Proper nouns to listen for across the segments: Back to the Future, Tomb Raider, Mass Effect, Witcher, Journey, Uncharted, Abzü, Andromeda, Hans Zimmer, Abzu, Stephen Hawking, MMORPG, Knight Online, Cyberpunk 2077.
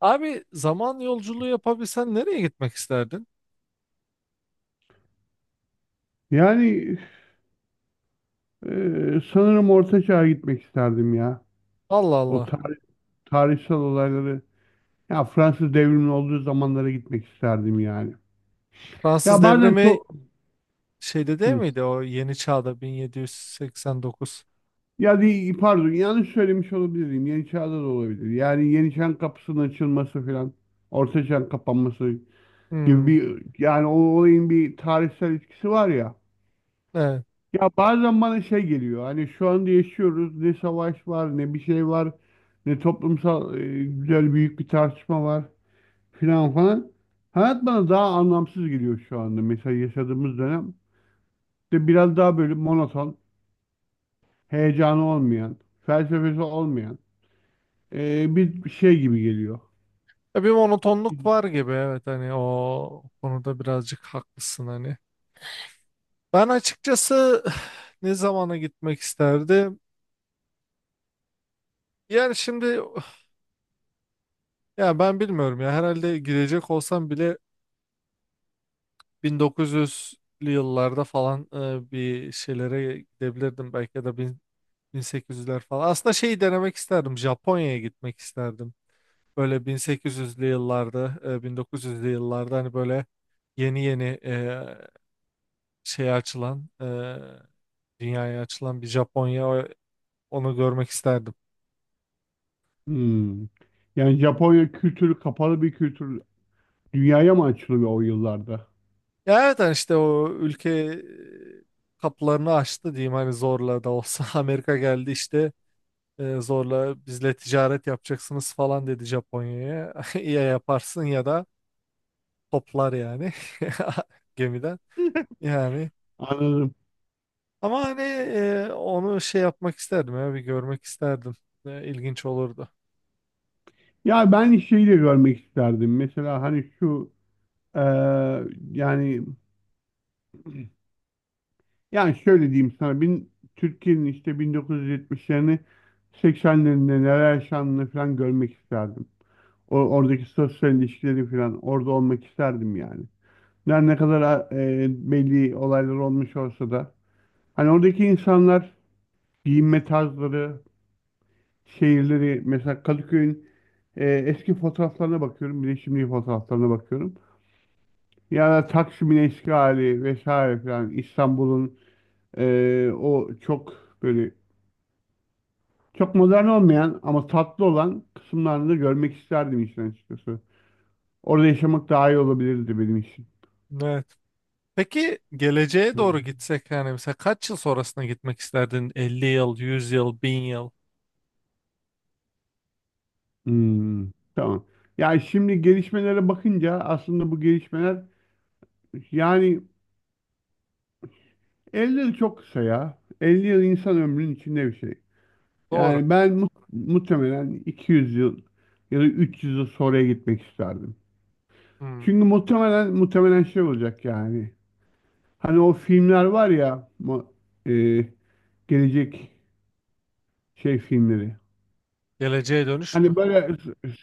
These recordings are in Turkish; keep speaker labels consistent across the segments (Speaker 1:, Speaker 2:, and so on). Speaker 1: Abi zaman yolculuğu yapabilsen nereye gitmek isterdin?
Speaker 2: Yani e, sanırım Orta Çağ'a gitmek isterdim ya.
Speaker 1: Allah
Speaker 2: O
Speaker 1: Allah.
Speaker 2: tarih, Tarihsel olayları, ya Fransız devrimi olduğu zamanlara gitmek isterdim yani.
Speaker 1: Fransız
Speaker 2: Ya bazen
Speaker 1: devrimi
Speaker 2: çok.
Speaker 1: şeyde değil
Speaker 2: Hı.
Speaker 1: miydi o yeni çağda 1789?
Speaker 2: Ya pardon, yanlış söylemiş olabilirim. Yeni Çağ'da da olabilir. Yani Yeni Çağ'ın kapısının açılması falan, Orta Çağ'ın kapanması gibi
Speaker 1: Hmm,
Speaker 2: bir, yani o olayın bir tarihsel etkisi var ya.
Speaker 1: evet.
Speaker 2: Ya bazen bana şey geliyor, hani şu anda yaşıyoruz, ne savaş var ne bir şey var, ne toplumsal güzel büyük bir tartışma var filan falan. Hayat bana daha anlamsız geliyor şu anda, mesela yaşadığımız dönem de biraz daha böyle monoton, heyecanı olmayan, felsefesi olmayan bir şey gibi geliyor.
Speaker 1: Bir monotonluk var gibi evet hani o konuda birazcık haklısın hani. Ben açıkçası ne zamana gitmek isterdim? Yani şimdi ya ben bilmiyorum ya herhalde gidecek olsam bile 1900'lü yıllarda falan bir şeylere gidebilirdim belki ya da 1800'ler falan. Aslında şeyi denemek isterdim. Japonya'ya gitmek isterdim. Böyle 1800'lü yıllarda, 1900'lü yıllarda hani böyle yeni yeni şey açılan, dünyaya açılan bir Japonya onu görmek isterdim.
Speaker 2: Hmm. Yani Japonya kültürü kapalı bir kültür, dünyaya mı açılıyor o yıllarda?
Speaker 1: Ya evet hani işte o ülke kapılarını açtı diyeyim hani zorla da olsa Amerika geldi işte zorla bizle ticaret yapacaksınız falan dedi Japonya'ya. Ya yaparsın ya da toplar yani. gemiden. Yani
Speaker 2: Anladım.
Speaker 1: ama hani onu şey yapmak isterdim ya bir görmek isterdim. İlginç olurdu.
Speaker 2: Ya ben şeyi de görmek isterdim. Mesela hani şu e, yani yani şöyle diyeyim sana, Türkiye'nin işte 1970'lerini, 80'lerinde neler yaşandığını falan görmek isterdim. Oradaki sosyal ilişkileri falan, orada olmak isterdim yani. Yani ne kadar belli olaylar olmuş olsa da. Hani oradaki insanlar, giyinme tarzları, şehirleri, mesela Kadıköy'ün eski fotoğraflarına bakıyorum bir de şimdiki fotoğraflarına bakıyorum. Ya da Taksim'in eşkali vesaire falan, İstanbul'un o çok böyle, çok modern olmayan ama tatlı olan kısımlarını da görmek isterdim işin açıkçası. Orada yaşamak daha iyi olabilirdi benim için.
Speaker 1: Evet. Peki geleceğe
Speaker 2: Hı.
Speaker 1: doğru gitsek yani mesela kaç yıl sonrasına gitmek isterdin? 50 yıl, 100 yıl, 1000 yıl.
Speaker 2: Hmm, tamam. Yani şimdi gelişmelere bakınca, aslında bu gelişmeler, yani 50 yıl çok kısa ya. 50 yıl insan ömrünün içinde bir şey.
Speaker 1: Doğru.
Speaker 2: Yani ben muhtemelen 200 yıl ya da 300 yıl sonraya gitmek isterdim.
Speaker 1: Hmm.
Speaker 2: Çünkü muhtemelen muhtemelen şey olacak yani. Hani o filmler var ya, e, gelecek şey filmleri.
Speaker 1: Geleceğe dönüş mü?
Speaker 2: Hani böyle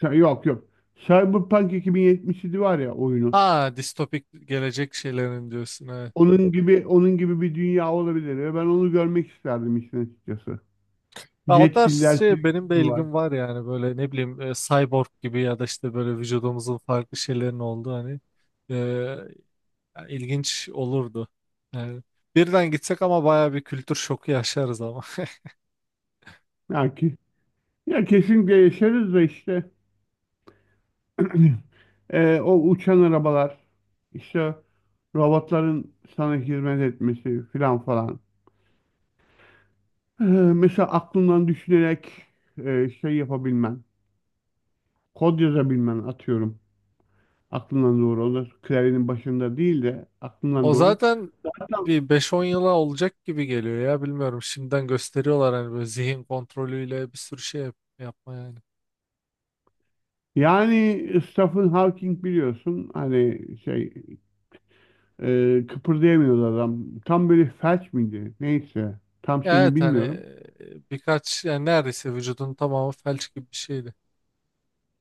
Speaker 2: yok, yok. Cyberpunk 2077 var ya, oyunu.
Speaker 1: Ha, distopik gelecek şeylerin diyorsun evet.
Speaker 2: Onun gibi onun gibi bir dünya olabilir ve ben onu görmek isterdim işin açıkçası.
Speaker 1: Ya o tarz
Speaker 2: Yetkililer
Speaker 1: şey benim de
Speaker 2: var.
Speaker 1: ilgim var yani böyle ne bileyim cyborg gibi ya da işte böyle vücudumuzun farklı şeylerin olduğu hani yani ilginç olurdu. Yani birden gitsek ama baya bir kültür şoku yaşarız ama.
Speaker 2: Ya, ya kesinlikle yaşarız da işte o uçan arabalar, işte robotların sana hizmet etmesi filan falan. Mesela aklından düşünerek şey yapabilmen, kod yazabilmen atıyorum. Aklından doğru. O da klavyenin başında değil de aklından
Speaker 1: O
Speaker 2: doğru.
Speaker 1: zaten
Speaker 2: Hatta
Speaker 1: bir beş-on yıla olacak gibi geliyor ya bilmiyorum. Şimdiden gösteriyorlar hani böyle zihin kontrolüyle bir sürü şey yapma yani.
Speaker 2: yani Stephen Hawking biliyorsun, hani şey, kıpırdayamıyordu adam. Tam böyle felç miydi? Neyse. Tam
Speaker 1: Ya
Speaker 2: şeyini
Speaker 1: evet hani
Speaker 2: bilmiyorum.
Speaker 1: birkaç yani neredeyse vücudun tamamı felç gibi bir şeydi.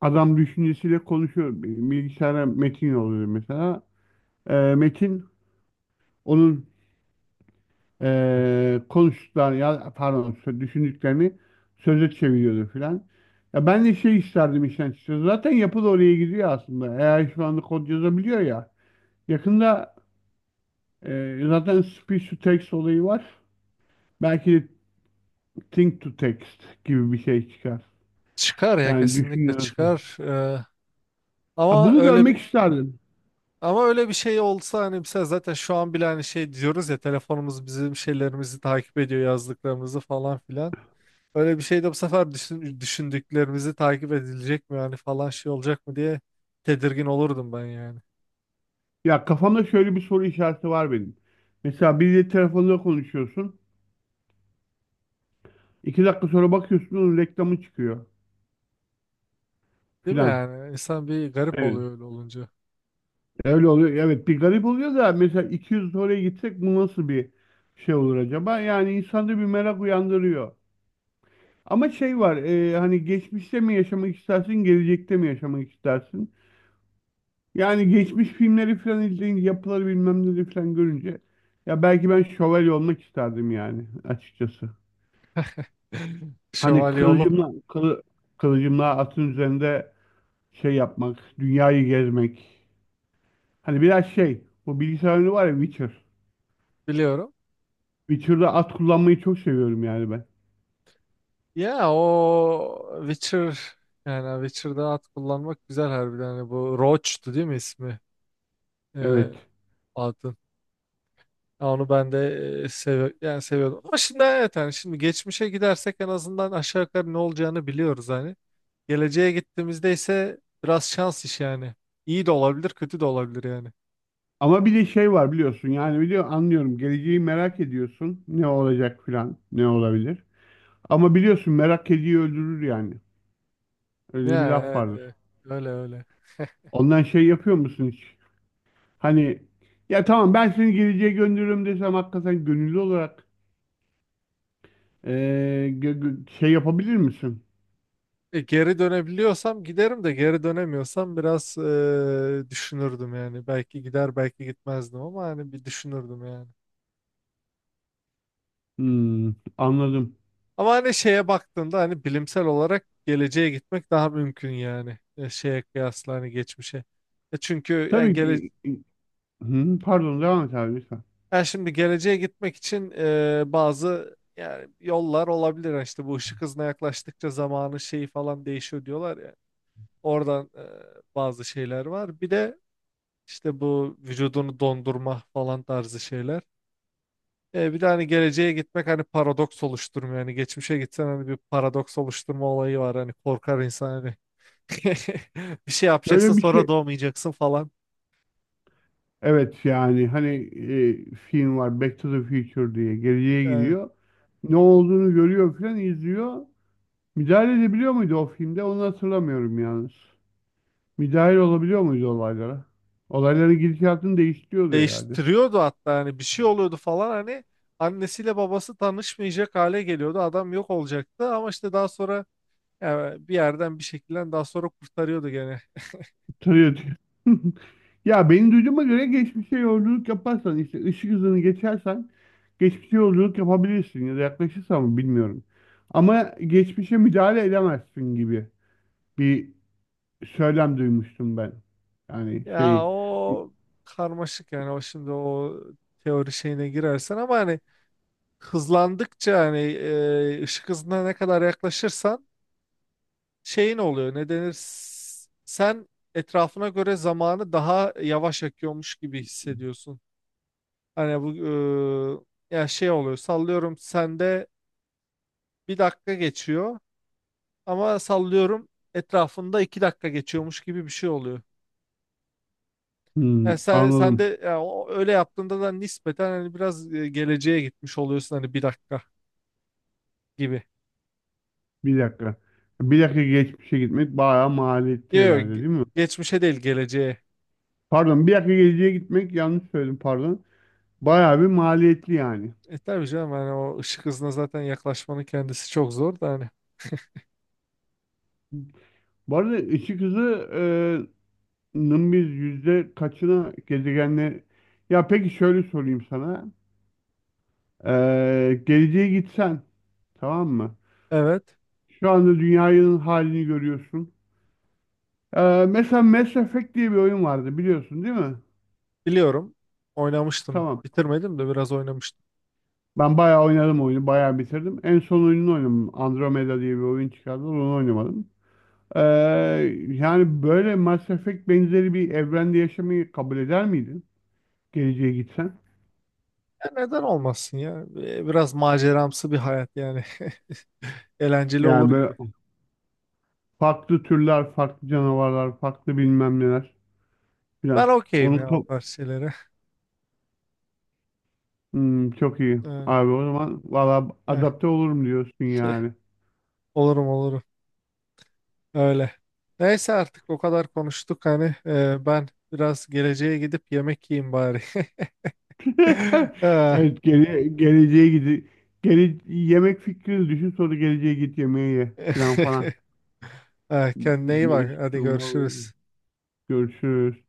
Speaker 2: Adam düşüncesiyle konuşuyor. Bilgisayara metin yolluyor mesela. Metin, onun konuştuklarını, ya pardon düşündüklerini söze çeviriyordu filan. Ya ben de şey isterdim işten çıkıyor. Zaten yapı da oraya gidiyor aslında. Eğer şu anda kod yazabiliyor ya. Yakında zaten speech to text olayı var. Belki de think to text gibi bir şey çıkar.
Speaker 1: Çıkar ya
Speaker 2: Yani
Speaker 1: kesinlikle
Speaker 2: düşünüyorsun.
Speaker 1: çıkar.
Speaker 2: Ha,
Speaker 1: Ama
Speaker 2: bunu
Speaker 1: öyle
Speaker 2: görmek
Speaker 1: bir
Speaker 2: isterdim.
Speaker 1: Ama öyle bir şey olsa hani mesela zaten şu an bile hani şey diyoruz ya telefonumuz bizim şeylerimizi takip ediyor yazdıklarımızı falan filan. Öyle bir şey de bu sefer düşündüklerimizi takip edilecek mi yani falan şey olacak mı diye tedirgin olurdum ben yani.
Speaker 2: Ya, kafamda şöyle bir soru işareti var benim. Mesela biriyle telefonda konuşuyorsun. 2 dakika sonra bakıyorsun onun reklamı çıkıyor
Speaker 1: Değil mi
Speaker 2: filan.
Speaker 1: yani? İnsan bir garip
Speaker 2: Evet.
Speaker 1: oluyor öyle olunca.
Speaker 2: Öyle oluyor. Evet, bir garip oluyor da, mesela 200 oraya gitsek bu nasıl bir şey olur acaba? Yani insanda bir merak uyandırıyor. Ama şey var, hani geçmişte mi yaşamak istersin, gelecekte mi yaşamak istersin? Yani geçmiş filmleri falan izleyince, yapıları bilmem neleri falan görünce, ya belki ben şövalye olmak isterdim yani açıkçası. Hani
Speaker 1: Şövalye olup
Speaker 2: kılıcımla atın üzerinde şey yapmak, dünyayı gezmek. Hani biraz şey, bu bilgisayar oyunu var ya, Witcher.
Speaker 1: biliyorum.
Speaker 2: Witcher'da at kullanmayı çok seviyorum yani ben.
Speaker 1: Ya o Witcher yani Witcher'da at kullanmak güzel harbiden. Hani bu Roach'tu değil mi ismi? Ee,
Speaker 2: Evet.
Speaker 1: adın. Ya onu ben de e, sev yani seviyordum. Ama şimdi evet yani şimdi geçmişe gidersek en azından aşağı yukarı ne olacağını biliyoruz hani. Geleceğe gittiğimizde ise biraz şans iş yani. İyi de olabilir, kötü de olabilir yani.
Speaker 2: Ama bir de şey var biliyorsun, yani anlıyorum geleceği merak ediyorsun, ne olacak filan, ne olabilir. Ama biliyorsun, merak kediyi öldürür yani. Öyle bir
Speaker 1: Ya
Speaker 2: laf
Speaker 1: evet,
Speaker 2: vardır.
Speaker 1: evet. Öyle öyle.
Speaker 2: Ondan şey yapıyor musun hiç? Hani, ya tamam, ben seni geleceğe gönderiyorum desem, hakikaten gönüllü olarak eee, şey yapabilir misin?
Speaker 1: Geri dönebiliyorsam giderim de geri dönemiyorsam biraz düşünürdüm yani. Belki gider belki gitmezdim ama hani bir düşünürdüm yani.
Speaker 2: Hmm, anladım.
Speaker 1: Ama hani şeye baktığında hani bilimsel olarak geleceğe gitmek daha mümkün yani. Şeye kıyasla hani geçmişe. Çünkü yani,
Speaker 2: Tabii ki. Hı, pardon devam et abi lütfen.
Speaker 1: yani şimdi geleceğe gitmek için bazı yani yollar olabilir. Yani işte bu ışık hızına yaklaştıkça zamanın şeyi falan değişiyor diyorlar ya. Oradan bazı şeyler var. Bir de işte bu vücudunu dondurma falan tarzı şeyler. Bir de hani geleceğe gitmek hani paradoks oluşturmuyor. Yani geçmişe gitsen hani bir paradoks oluşturma olayı var. Hani korkar insan hani Bir şey yapacaksın
Speaker 2: Şöyle bir
Speaker 1: sonra
Speaker 2: şey.
Speaker 1: doğmayacaksın falan.
Speaker 2: Evet yani hani film var, Back to the Future diye, geleceğe
Speaker 1: Ee,
Speaker 2: gidiyor. Ne olduğunu görüyor filan izliyor. Müdahale edebiliyor muydu o filmde? Onu hatırlamıyorum yalnız. Müdahale olabiliyor muydu olaylara? Olayların gidişatını değiştiriyordu herhalde.
Speaker 1: Değiştiriyordu hatta hani bir şey oluyordu falan hani annesiyle babası tanışmayacak hale geliyordu. Adam yok olacaktı ama işte daha sonra yani bir yerden bir şekilde daha sonra kurtarıyordu gene.
Speaker 2: Tabii. Ya benim duyduğuma göre geçmişe yolculuk yaparsan işte ışık hızını geçersen geçmişe yolculuk yapabilirsin, ya da yaklaşırsan mı bilmiyorum. Ama geçmişe müdahale edemezsin gibi bir söylem duymuştum ben. Yani
Speaker 1: Ya
Speaker 2: şey.
Speaker 1: o karmaşık yani o şimdi o teori şeyine girersen ama hani hızlandıkça hani ışık hızına ne kadar yaklaşırsan şey ne oluyor ne denir sen etrafına göre zamanı daha yavaş akıyormuş gibi hissediyorsun. Hani bu ya şey oluyor sallıyorum sende bir dakika geçiyor ama sallıyorum etrafında iki dakika geçiyormuş gibi bir şey oluyor. Yani
Speaker 2: Hmm,
Speaker 1: sen
Speaker 2: anladım.
Speaker 1: de ya öyle yaptığında da nispeten hani biraz geleceğe gitmiş oluyorsun hani bir dakika gibi.
Speaker 2: Bir dakika. Bir dakika geçmişe gitmek bayağı maliyetli
Speaker 1: Yok
Speaker 2: herhalde,
Speaker 1: yok,
Speaker 2: değil mi?
Speaker 1: geçmişe değil geleceğe.
Speaker 2: Pardon, bir dakika geleceğe gitmek, yanlış söyledim pardon. Bayağı bir maliyetli yani.
Speaker 1: Tabii canım hani o ışık hızına zaten yaklaşmanın kendisi çok zor da hani.
Speaker 2: Bu arada ışık hızı nın biz yüzde kaçına gezegenle, ya peki şöyle sorayım sana. Geleceğe gitsen, tamam mı,
Speaker 1: Evet.
Speaker 2: şu anda dünyanın halini görüyorsun. Mesela Mass Effect diye bir oyun vardı, biliyorsun değil mi?
Speaker 1: Biliyorum. Oynamıştım.
Speaker 2: Tamam,
Speaker 1: Bitirmedim de biraz oynamıştım.
Speaker 2: ben bayağı oynadım oyunu, bayağı bitirdim, en son oyununu oynadım, Andromeda diye bir oyun çıkardılar, onu oynamadım. Ee, Yani böyle Mass Effect benzeri bir evrende yaşamayı kabul eder miydin, geleceğe gitsen?
Speaker 1: Ya neden olmasın ya? Biraz maceramsı bir hayat yani. Eğlenceli olur
Speaker 2: Yani böyle
Speaker 1: gibi.
Speaker 2: farklı türler, farklı canavarlar, farklı bilmem neler
Speaker 1: Ben
Speaker 2: filan. Onu
Speaker 1: okeyim ya o
Speaker 2: ka-
Speaker 1: tarz şeylere.
Speaker 2: Hmm, çok iyi.
Speaker 1: Ee,
Speaker 2: Abi o zaman valla
Speaker 1: eh,
Speaker 2: adapte olurum diyorsun yani.
Speaker 1: Olurum olurum. Öyle. Neyse artık o kadar konuştuk hani. Ben biraz geleceğe gidip yemek yiyeyim bari. Ee,
Speaker 2: Evet geleceğe gidi gele yemek fikrini düşün, sonra geleceğe git, yemeğe ye filan falan.
Speaker 1: Kendine iyi bak.
Speaker 2: Değişik
Speaker 1: Hadi
Speaker 2: durumlar.
Speaker 1: görüşürüz.
Speaker 2: Görüşürüz.